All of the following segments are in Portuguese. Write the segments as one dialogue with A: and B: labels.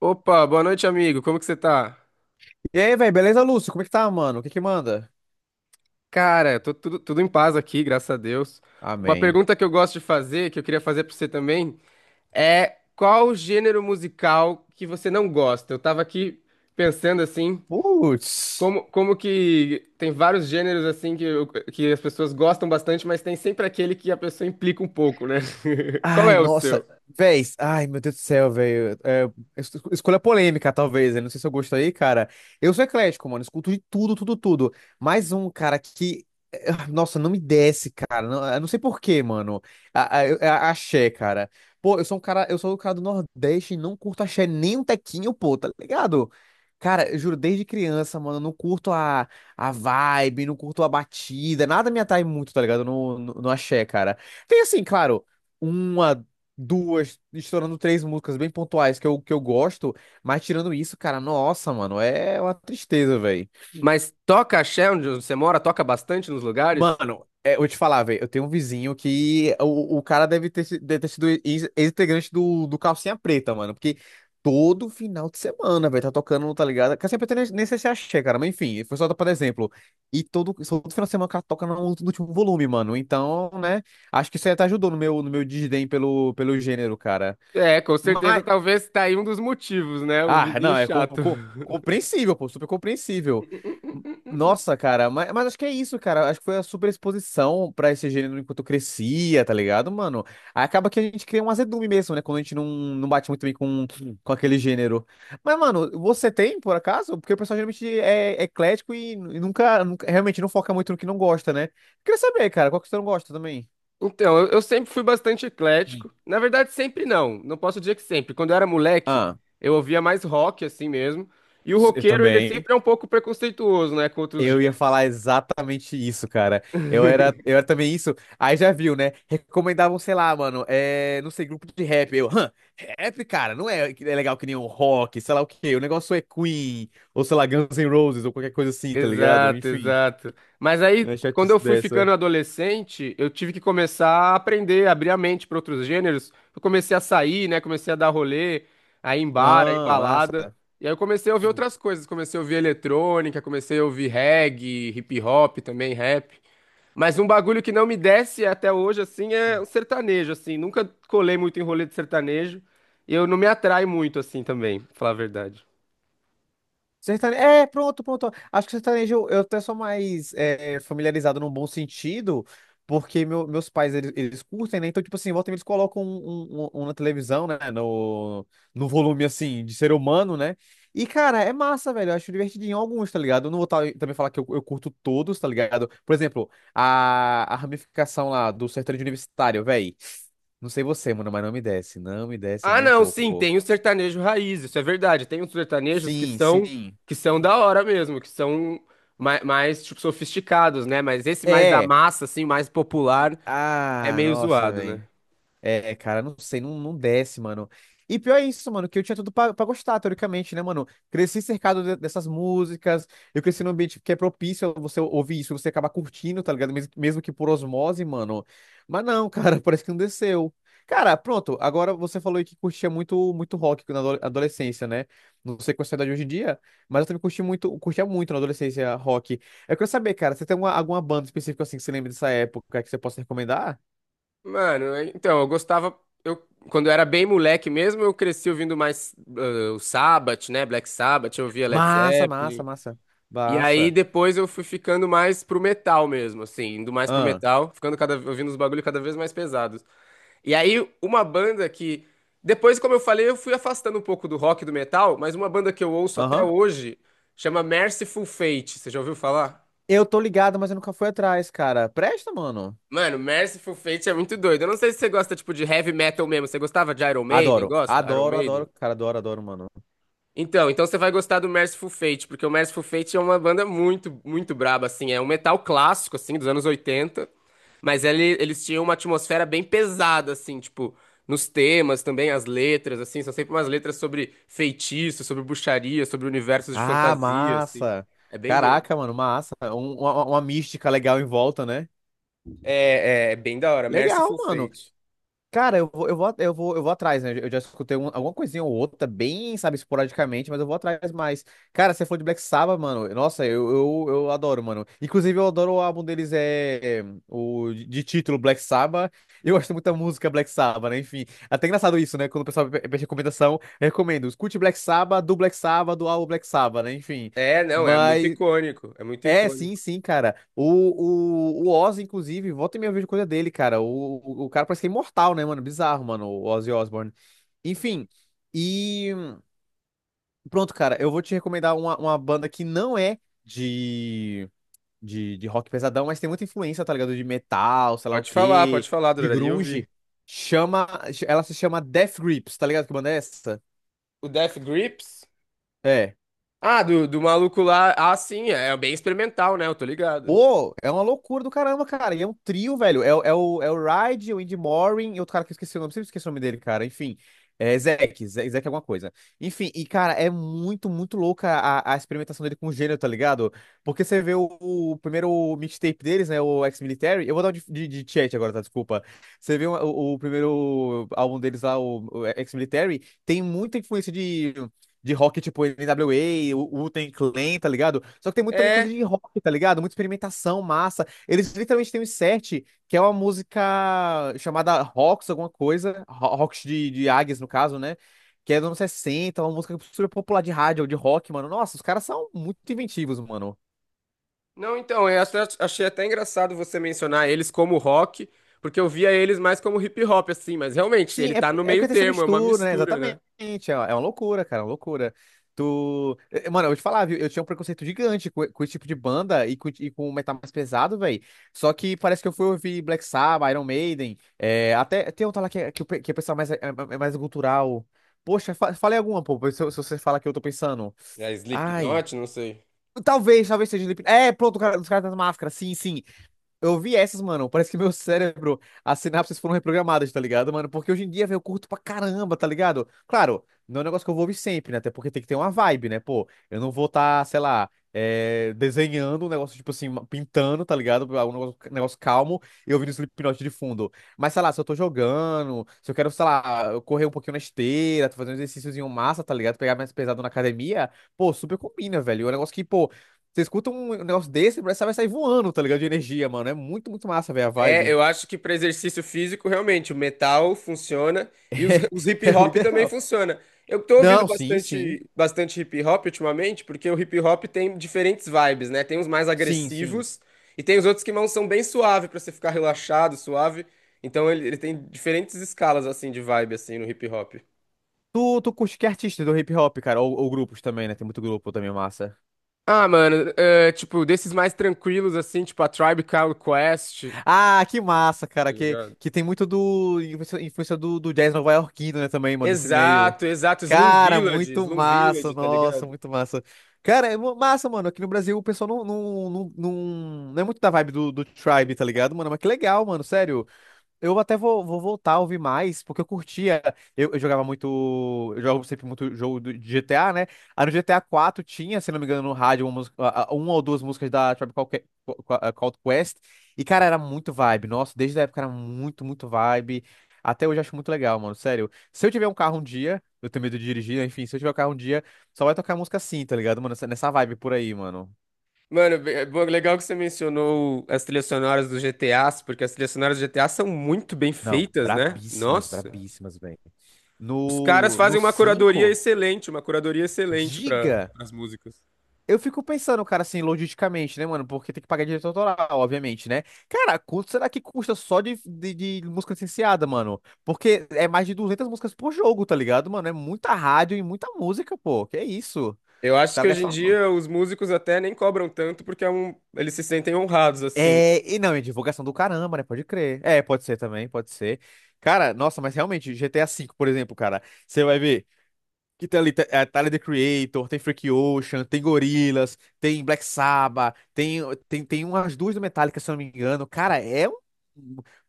A: Opa, boa noite, amigo. Como que você tá?
B: E aí, velho, beleza, Lúcio? Como é que tá, mano? O que que manda?
A: Cara, eu tô tudo em paz aqui, graças a Deus. Uma
B: Amém.
A: pergunta que eu gosto de fazer, que eu queria fazer pra você também, é qual o gênero musical que você não gosta? Eu tava aqui pensando assim,
B: Putz.
A: como que tem vários gêneros assim que, que as pessoas gostam bastante, mas tem sempre aquele que a pessoa implica um pouco, né? Qual
B: Ai,
A: é o
B: nossa,
A: seu?
B: véi, ai, meu Deus do céu, velho. É, escolha polêmica, talvez, né? Não sei se eu gosto aí, cara. Eu sou eclético, mano, escuto de tudo, tudo, tudo. Mais um, cara, que. Nossa, não me desce, cara. Não, eu não sei por quê, mano. A, eu- é a- Axé, cara. Pô, eu sou um cara, eu sou um cara do Nordeste e não curto axé nem um tequinho, pô, tá ligado? Cara, eu juro, desde criança, mano, eu não curto a vibe, não curto a batida, nada me atrai muito, tá ligado? No axé, cara. Tem assim, claro uma, duas, estourando três músicas bem pontuais que eu gosto, mas tirando isso, cara, nossa, mano, é uma tristeza, velho.
A: Mas toca axé onde você mora? Toca bastante nos lugares?
B: Mano, é, eu vou te falar, velho, eu tenho um vizinho que o cara deve ter, deve ter sido ex-integrante do Calcinha Preta, mano, porque todo final de semana, velho, tá tocando, tá ligado? Calcinha Preta nem sei se é axé, cara, mas enfim, foi só pra dar exemplo. E todo final de semana o cara toca no último volume, mano, então, né, acho que isso aí até ajudou no meu, no meu desdém pelo, pelo gênero, cara.
A: É, com certeza,
B: mas
A: talvez tá aí um dos motivos, né? O
B: Ah,
A: vizinho
B: não, é
A: chato.
B: compreensível, pô, super compreensível. Nossa, cara, mas acho que é isso, cara. Acho que foi a super exposição pra esse gênero enquanto crescia, tá ligado, mano? Aí acaba que a gente cria um azedume mesmo, né? Quando a gente não bate muito bem com aquele gênero. Mas, mano, você tem, por acaso? Porque o pessoal geralmente é eclético e realmente não foca muito no que não gosta, né? Queria saber, cara, qual que você não gosta também?
A: Então, eu sempre fui bastante eclético. Na verdade, sempre não. Não posso dizer que sempre. Quando eu era moleque,
B: Ah,
A: eu ouvia mais rock, assim mesmo. E o
B: eu
A: roqueiro, ele
B: também.
A: sempre é um pouco preconceituoso, né, com outros
B: Eu ia
A: gêneros.
B: falar exatamente isso, cara. Eu era também isso. Aí já viu, né? Recomendavam, sei lá, mano, é, não sei, grupo de rap. Eu, rap, cara, não é, é legal que nem um rock, sei lá o quê. O negócio é Queen, ou sei lá, Guns N' Roses, ou qualquer coisa assim, tá ligado?
A: Exato,
B: Enfim,
A: exato. Mas aí,
B: não é
A: quando
B: chatice
A: eu fui ficando
B: dessa.
A: adolescente, eu tive que começar a aprender, abrir a mente para outros gêneros. Eu comecei a sair, né, comecei a dar rolê, a ir em bar, a ir em
B: Ah,
A: balada.
B: massa.
A: E aí eu comecei a ouvir outras coisas. Comecei a ouvir eletrônica, comecei a ouvir reggae, hip hop também, rap. Mas um bagulho que não me desce até hoje, assim, é o sertanejo, assim. Nunca colei muito em rolê de sertanejo. E eu não me atrai muito, assim, também, pra falar a verdade.
B: Sertanejo. É, pronto, pronto. Acho que sertanejo eu até sou mais é, familiarizado num bom sentido, porque meus pais eles curtem, né? Então, tipo assim, volta e meia, eles colocam um, um na televisão, né? No, no volume assim, de ser humano, né? E, cara, é massa, velho. Eu acho divertidinho alguns, tá ligado? Eu não vou tá- também falar que eu curto todos, tá ligado? Por exemplo, a ramificação lá do sertanejo universitário, velho. Não sei você, mano, mas não me desce. Não me desce
A: Ah,
B: nem um
A: não,
B: pouco,
A: sim,
B: pô.
A: tem o sertanejo raiz, isso é verdade. Tem os sertanejos
B: Sim, sim.
A: que são da hora mesmo, que são mais, tipo, sofisticados, né? Mas esse mais da
B: É.
A: massa, assim, mais popular, é
B: Ah,
A: meio
B: nossa,
A: zoado, né?
B: velho. É, cara, não sei, não, não desce, mano. E pior é isso, mano, que eu tinha tudo pra gostar, teoricamente, né, mano? Cresci cercado dessas músicas, eu cresci num ambiente que é propício a você ouvir isso, você acaba curtindo, tá ligado? Mesmo, mesmo que por osmose, mano. Mas não, cara, parece que não desceu. Cara, pronto, agora você falou aí que curtia muito, muito rock na adolescência, né? Não sei qual é a sua idade hoje em dia, mas eu também curti muito, curtia muito na adolescência rock. Eu quero saber, cara, você tem alguma, alguma banda específica assim que você lembra dessa época que você possa recomendar?
A: Mano, então, eu gostava. Eu, quando eu era bem moleque mesmo, eu cresci ouvindo mais o Sabbath, né? Black Sabbath, eu ouvia Led
B: Massa, massa,
A: Zeppelin.
B: massa.
A: E aí
B: Massa.
A: depois eu fui ficando mais pro metal mesmo, assim, indo mais pro
B: Ah,
A: metal, ficando cada ouvindo os bagulho cada vez mais pesados. E aí uma banda que depois, como eu falei, eu fui afastando um pouco do rock e do metal, mas uma banda que eu ouço até
B: aham.
A: hoje chama Merciful Fate. Você já ouviu falar?
B: Eu tô ligado, mas eu nunca fui atrás, cara. Presta, mano.
A: Mano, Merciful Fate é muito doido. Eu não sei se você gosta tipo de heavy metal mesmo. Você gostava de Iron Maiden?
B: Adoro.
A: Gosta? Iron
B: Adoro,
A: Maiden?
B: adoro, cara. Adoro, adoro, mano.
A: Então, então você vai gostar do Merciful Fate, porque o Merciful Fate é uma banda muito braba, assim, é um metal clássico, assim, dos anos 80. Eles tinham uma atmosfera bem pesada, assim, tipo, nos temas também, as letras, assim, são sempre umas letras sobre feitiço, sobre bruxaria, sobre universos de
B: Ah,
A: fantasia, assim.
B: massa.
A: É bem doido.
B: Caraca, mano, massa. Uma mística legal em volta, né?
A: É, é, é bem da hora.
B: Legal,
A: Merciful
B: mano.
A: Fate.
B: Cara, eu vou atrás, né? Eu já escutei alguma coisinha ou outra, bem, sabe, esporadicamente, mas eu vou atrás mais. Cara, você falou de Black Sabbath, mano. Nossa, eu adoro, mano. Inclusive, eu adoro o álbum deles, é, é, o de título Black Sabbath. Eu gosto muito da música Black Sabbath, né? Enfim, até engraçado isso, né? Quando o pessoal pede recomendação, eu recomendo. Escute Black Sabbath, do álbum Black Sabbath, né? Enfim.
A: É, não, é muito icônico. É muito
B: É, sim,
A: icônico.
B: sim, cara. O Oz, inclusive, volta e meia eu vejo coisa dele, cara. O cara parece que é imortal, né, mano? Bizarro, mano, o Ozzy Osbourne. Enfim, e pronto, cara. Eu vou te recomendar uma banda que não é de, de rock pesadão, mas tem muita influência, tá ligado? De metal, sei lá o quê,
A: Pode falar,
B: de
A: adoraria
B: grunge.
A: ouvir.
B: Chama, ela se chama Death Grips, tá ligado? Que banda é essa?
A: O Death Grips?
B: É.
A: Ah, do maluco lá. Ah, sim, é bem experimental, né? Eu tô ligado.
B: Pô, é uma loucura do caramba, cara. E é um trio, velho. É, é o Ride, o Andy Morin e outro cara que eu esqueci o nome. Sempre esqueci o nome dele, cara. Enfim, é Zack, Zack alguma coisa. Enfim, e cara, é muito, muito louca a experimentação dele com o gênero, tá ligado? Porque você vê o primeiro mixtape deles, né? O Ex-Military. Eu vou dar um de chat agora, tá? Desculpa. Você vê o primeiro álbum deles lá, o Ex-Military, tem muita influência de rock, tipo NWA, o Wu-Tang Clan, tá ligado? Só que tem muito também coisa
A: É.
B: de rock, tá ligado? Muita experimentação, massa. Eles literalmente têm um set que é uma música chamada Rocks, alguma coisa. Rocks de Águias, no caso, né? Que é dos anos 60, uma música super popular de rádio, de rock, mano. Nossa, os caras são muito inventivos, mano.
A: Não, então, achei até engraçado você mencionar eles como rock, porque eu via eles mais como hip hop, assim, mas realmente,
B: Sim,
A: ele
B: é,
A: tá no
B: é
A: meio
B: porque tem essa
A: termo, é uma
B: mistura, né?
A: mistura,
B: Exatamente.
A: né?
B: É uma loucura, cara, é uma loucura. Mano, eu vou te falar, viu? Eu tinha um preconceito gigante com esse tipo de banda e com metal mais pesado, velho. Só que parece que eu fui ouvir Black Sabbath, Iron Maiden. É, até tem outra lá o que é o pessoal mais, é, é mais cultural. Poxa, fa falei alguma, pô, se você fala que eu tô pensando.
A: É
B: Ai.
A: Slipknot, não sei.
B: Talvez, talvez seja Slipknot. É, pronto, o cara, os caras das máscaras. Sim, sim. Eu vi essas, mano. Parece que meu cérebro, as sinapses foram reprogramadas, tá ligado, mano? Porque hoje em dia, velho, eu curto pra caramba, tá ligado? Claro, não é um negócio que eu vou ouvir sempre, né? Até porque tem que ter uma vibe, né? Pô, eu não vou estar, sei lá, é, desenhando um negócio, tipo assim, pintando, tá ligado? Um negócio, negócio calmo e ouvindo Slipknot de fundo. Mas, sei lá, se eu tô jogando, se eu quero, sei lá, correr um pouquinho na esteira, fazer um exercíciozinho massa, tá ligado? Pegar mais pesado na academia, pô, super combina, velho. É um negócio que, pô, você escuta um negócio desse, parece que vai sair voando, tá ligado? De energia, mano. É muito, muito massa, velho, a
A: É,
B: vibe.
A: eu acho que para exercício físico, realmente, o metal funciona e os,
B: É,
A: os hip
B: é o
A: hop também
B: ideal.
A: funciona. Eu tô ouvindo
B: Não, sim, sim.
A: bastante hip hop ultimamente, porque o hip hop tem diferentes vibes, né? Tem uns mais
B: Sim, sim.
A: agressivos e tem os outros que não são bem suave para você ficar relaxado, suave. Então ele tem diferentes escalas assim de vibe assim no hip hop.
B: Tu curte que artista do hip hop, cara? Ou grupos também, né? Tem muito grupo também, massa.
A: Ah, mano, é, tipo, desses mais tranquilos assim, tipo a Tribe Called Quest,
B: Ah, que massa, cara.
A: tá ligado?
B: Que tem muito do. Influência, influência do jazz nova-iorquino, né? Também, mano, desse meio.
A: Exato, exato, Slum
B: Cara,
A: Village,
B: muito
A: Slum
B: massa.
A: Village, tá
B: Nossa,
A: ligado?
B: muito massa. Cara, é massa, mano. Aqui no Brasil o pessoal não é muito da vibe do Tribe, tá ligado, mano? Mas que legal, mano. Sério. Eu até vou voltar a ouvir mais, porque eu curtia. Eu jogava muito. Eu jogo sempre muito jogo de GTA, né? Aí no GTA quatro tinha, se não me engano, no rádio, uma, uma ou duas músicas da Tribe Called Called Quest. E, cara, era muito vibe. Nossa, desde a época era muito, muito vibe. Até hoje eu acho muito legal, mano. Sério. Se eu tiver um carro um dia, eu tenho medo de dirigir, né? Se eu tiver um carro um dia, só vai tocar música assim, tá ligado, mano? Nessa vibe por aí, mano.
A: Mano, legal que você mencionou as trilhas sonoras dos GTAs, porque as trilhas sonoras do GTA são muito bem
B: Não,
A: feitas, né?
B: brabíssimas,
A: Nossa.
B: brabíssimas, velho.
A: Os caras fazem
B: No cinco.
A: uma curadoria excelente para
B: Diga!
A: as músicas.
B: Eu fico pensando, cara, assim, logisticamente, né, mano? Porque tem que pagar direito autoral, obviamente, né? Cara, quanto será que custa só de música licenciada, mano? Porque é mais de 200 músicas por jogo, tá ligado, mano? É muita rádio e muita música, pô. Que é isso?
A: Eu
B: Os
A: acho que
B: caras
A: hoje em
B: gastaram.
A: dia os músicos até nem cobram tanto porque é um, eles se sentem honrados assim.
B: É, e não, é divulgação do caramba, né? Pode crer. É, pode ser também, pode ser. Cara, nossa, mas realmente, GTA V, por exemplo, cara, você vai ver. Que tem ali é, Tyler, The Creator, tem Freak Ocean, tem Gorillaz, tem Black Sabbath, tem umas duas do Metallica, se eu não me engano. Cara, é um.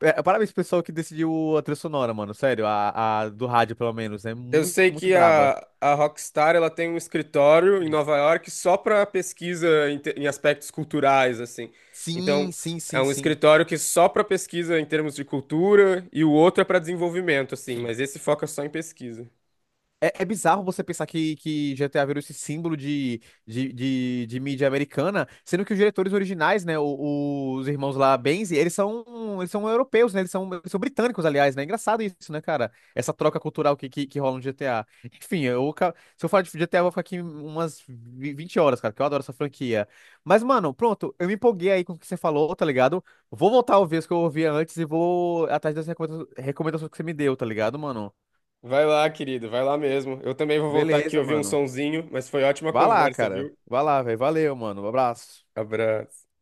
B: É, parabéns pro pessoal que decidiu a trilha sonora, mano. Sério, a do rádio, pelo menos. É
A: Eu sei
B: muito, muito
A: que
B: braba.
A: a Rockstar ela tem um escritório em Nova York só para pesquisa em aspectos culturais, assim. Então, é um
B: Sim,
A: escritório que só para pesquisa em termos de cultura e o outro é para desenvolvimento, assim, mas esse foca só em pesquisa.
B: É, é bizarro você pensar que GTA virou esse símbolo de mídia americana, sendo que os diretores originais, né, os irmãos lá, Benzi, eles são europeus, né, eles são britânicos, aliás, né, é engraçado isso, né, cara, essa troca cultural que rola no GTA. Enfim, eu, se eu falar de GTA, eu vou ficar aqui umas 20 horas, cara, que eu adoro essa franquia. Mas, mano, pronto, eu me empolguei aí com o que você falou, tá ligado? Vou voltar a ouvir as que eu ouvia antes e vou atrás das recomendações que você me deu, tá ligado, mano?
A: Vai lá, querido, vai lá mesmo. Eu também vou voltar aqui
B: Beleza,
A: ouvir um
B: mano.
A: sonzinho, mas foi ótima
B: Vai lá,
A: conversa,
B: cara.
A: viu?
B: Vai lá, velho. Valeu, mano. Um abraço.
A: Abraço.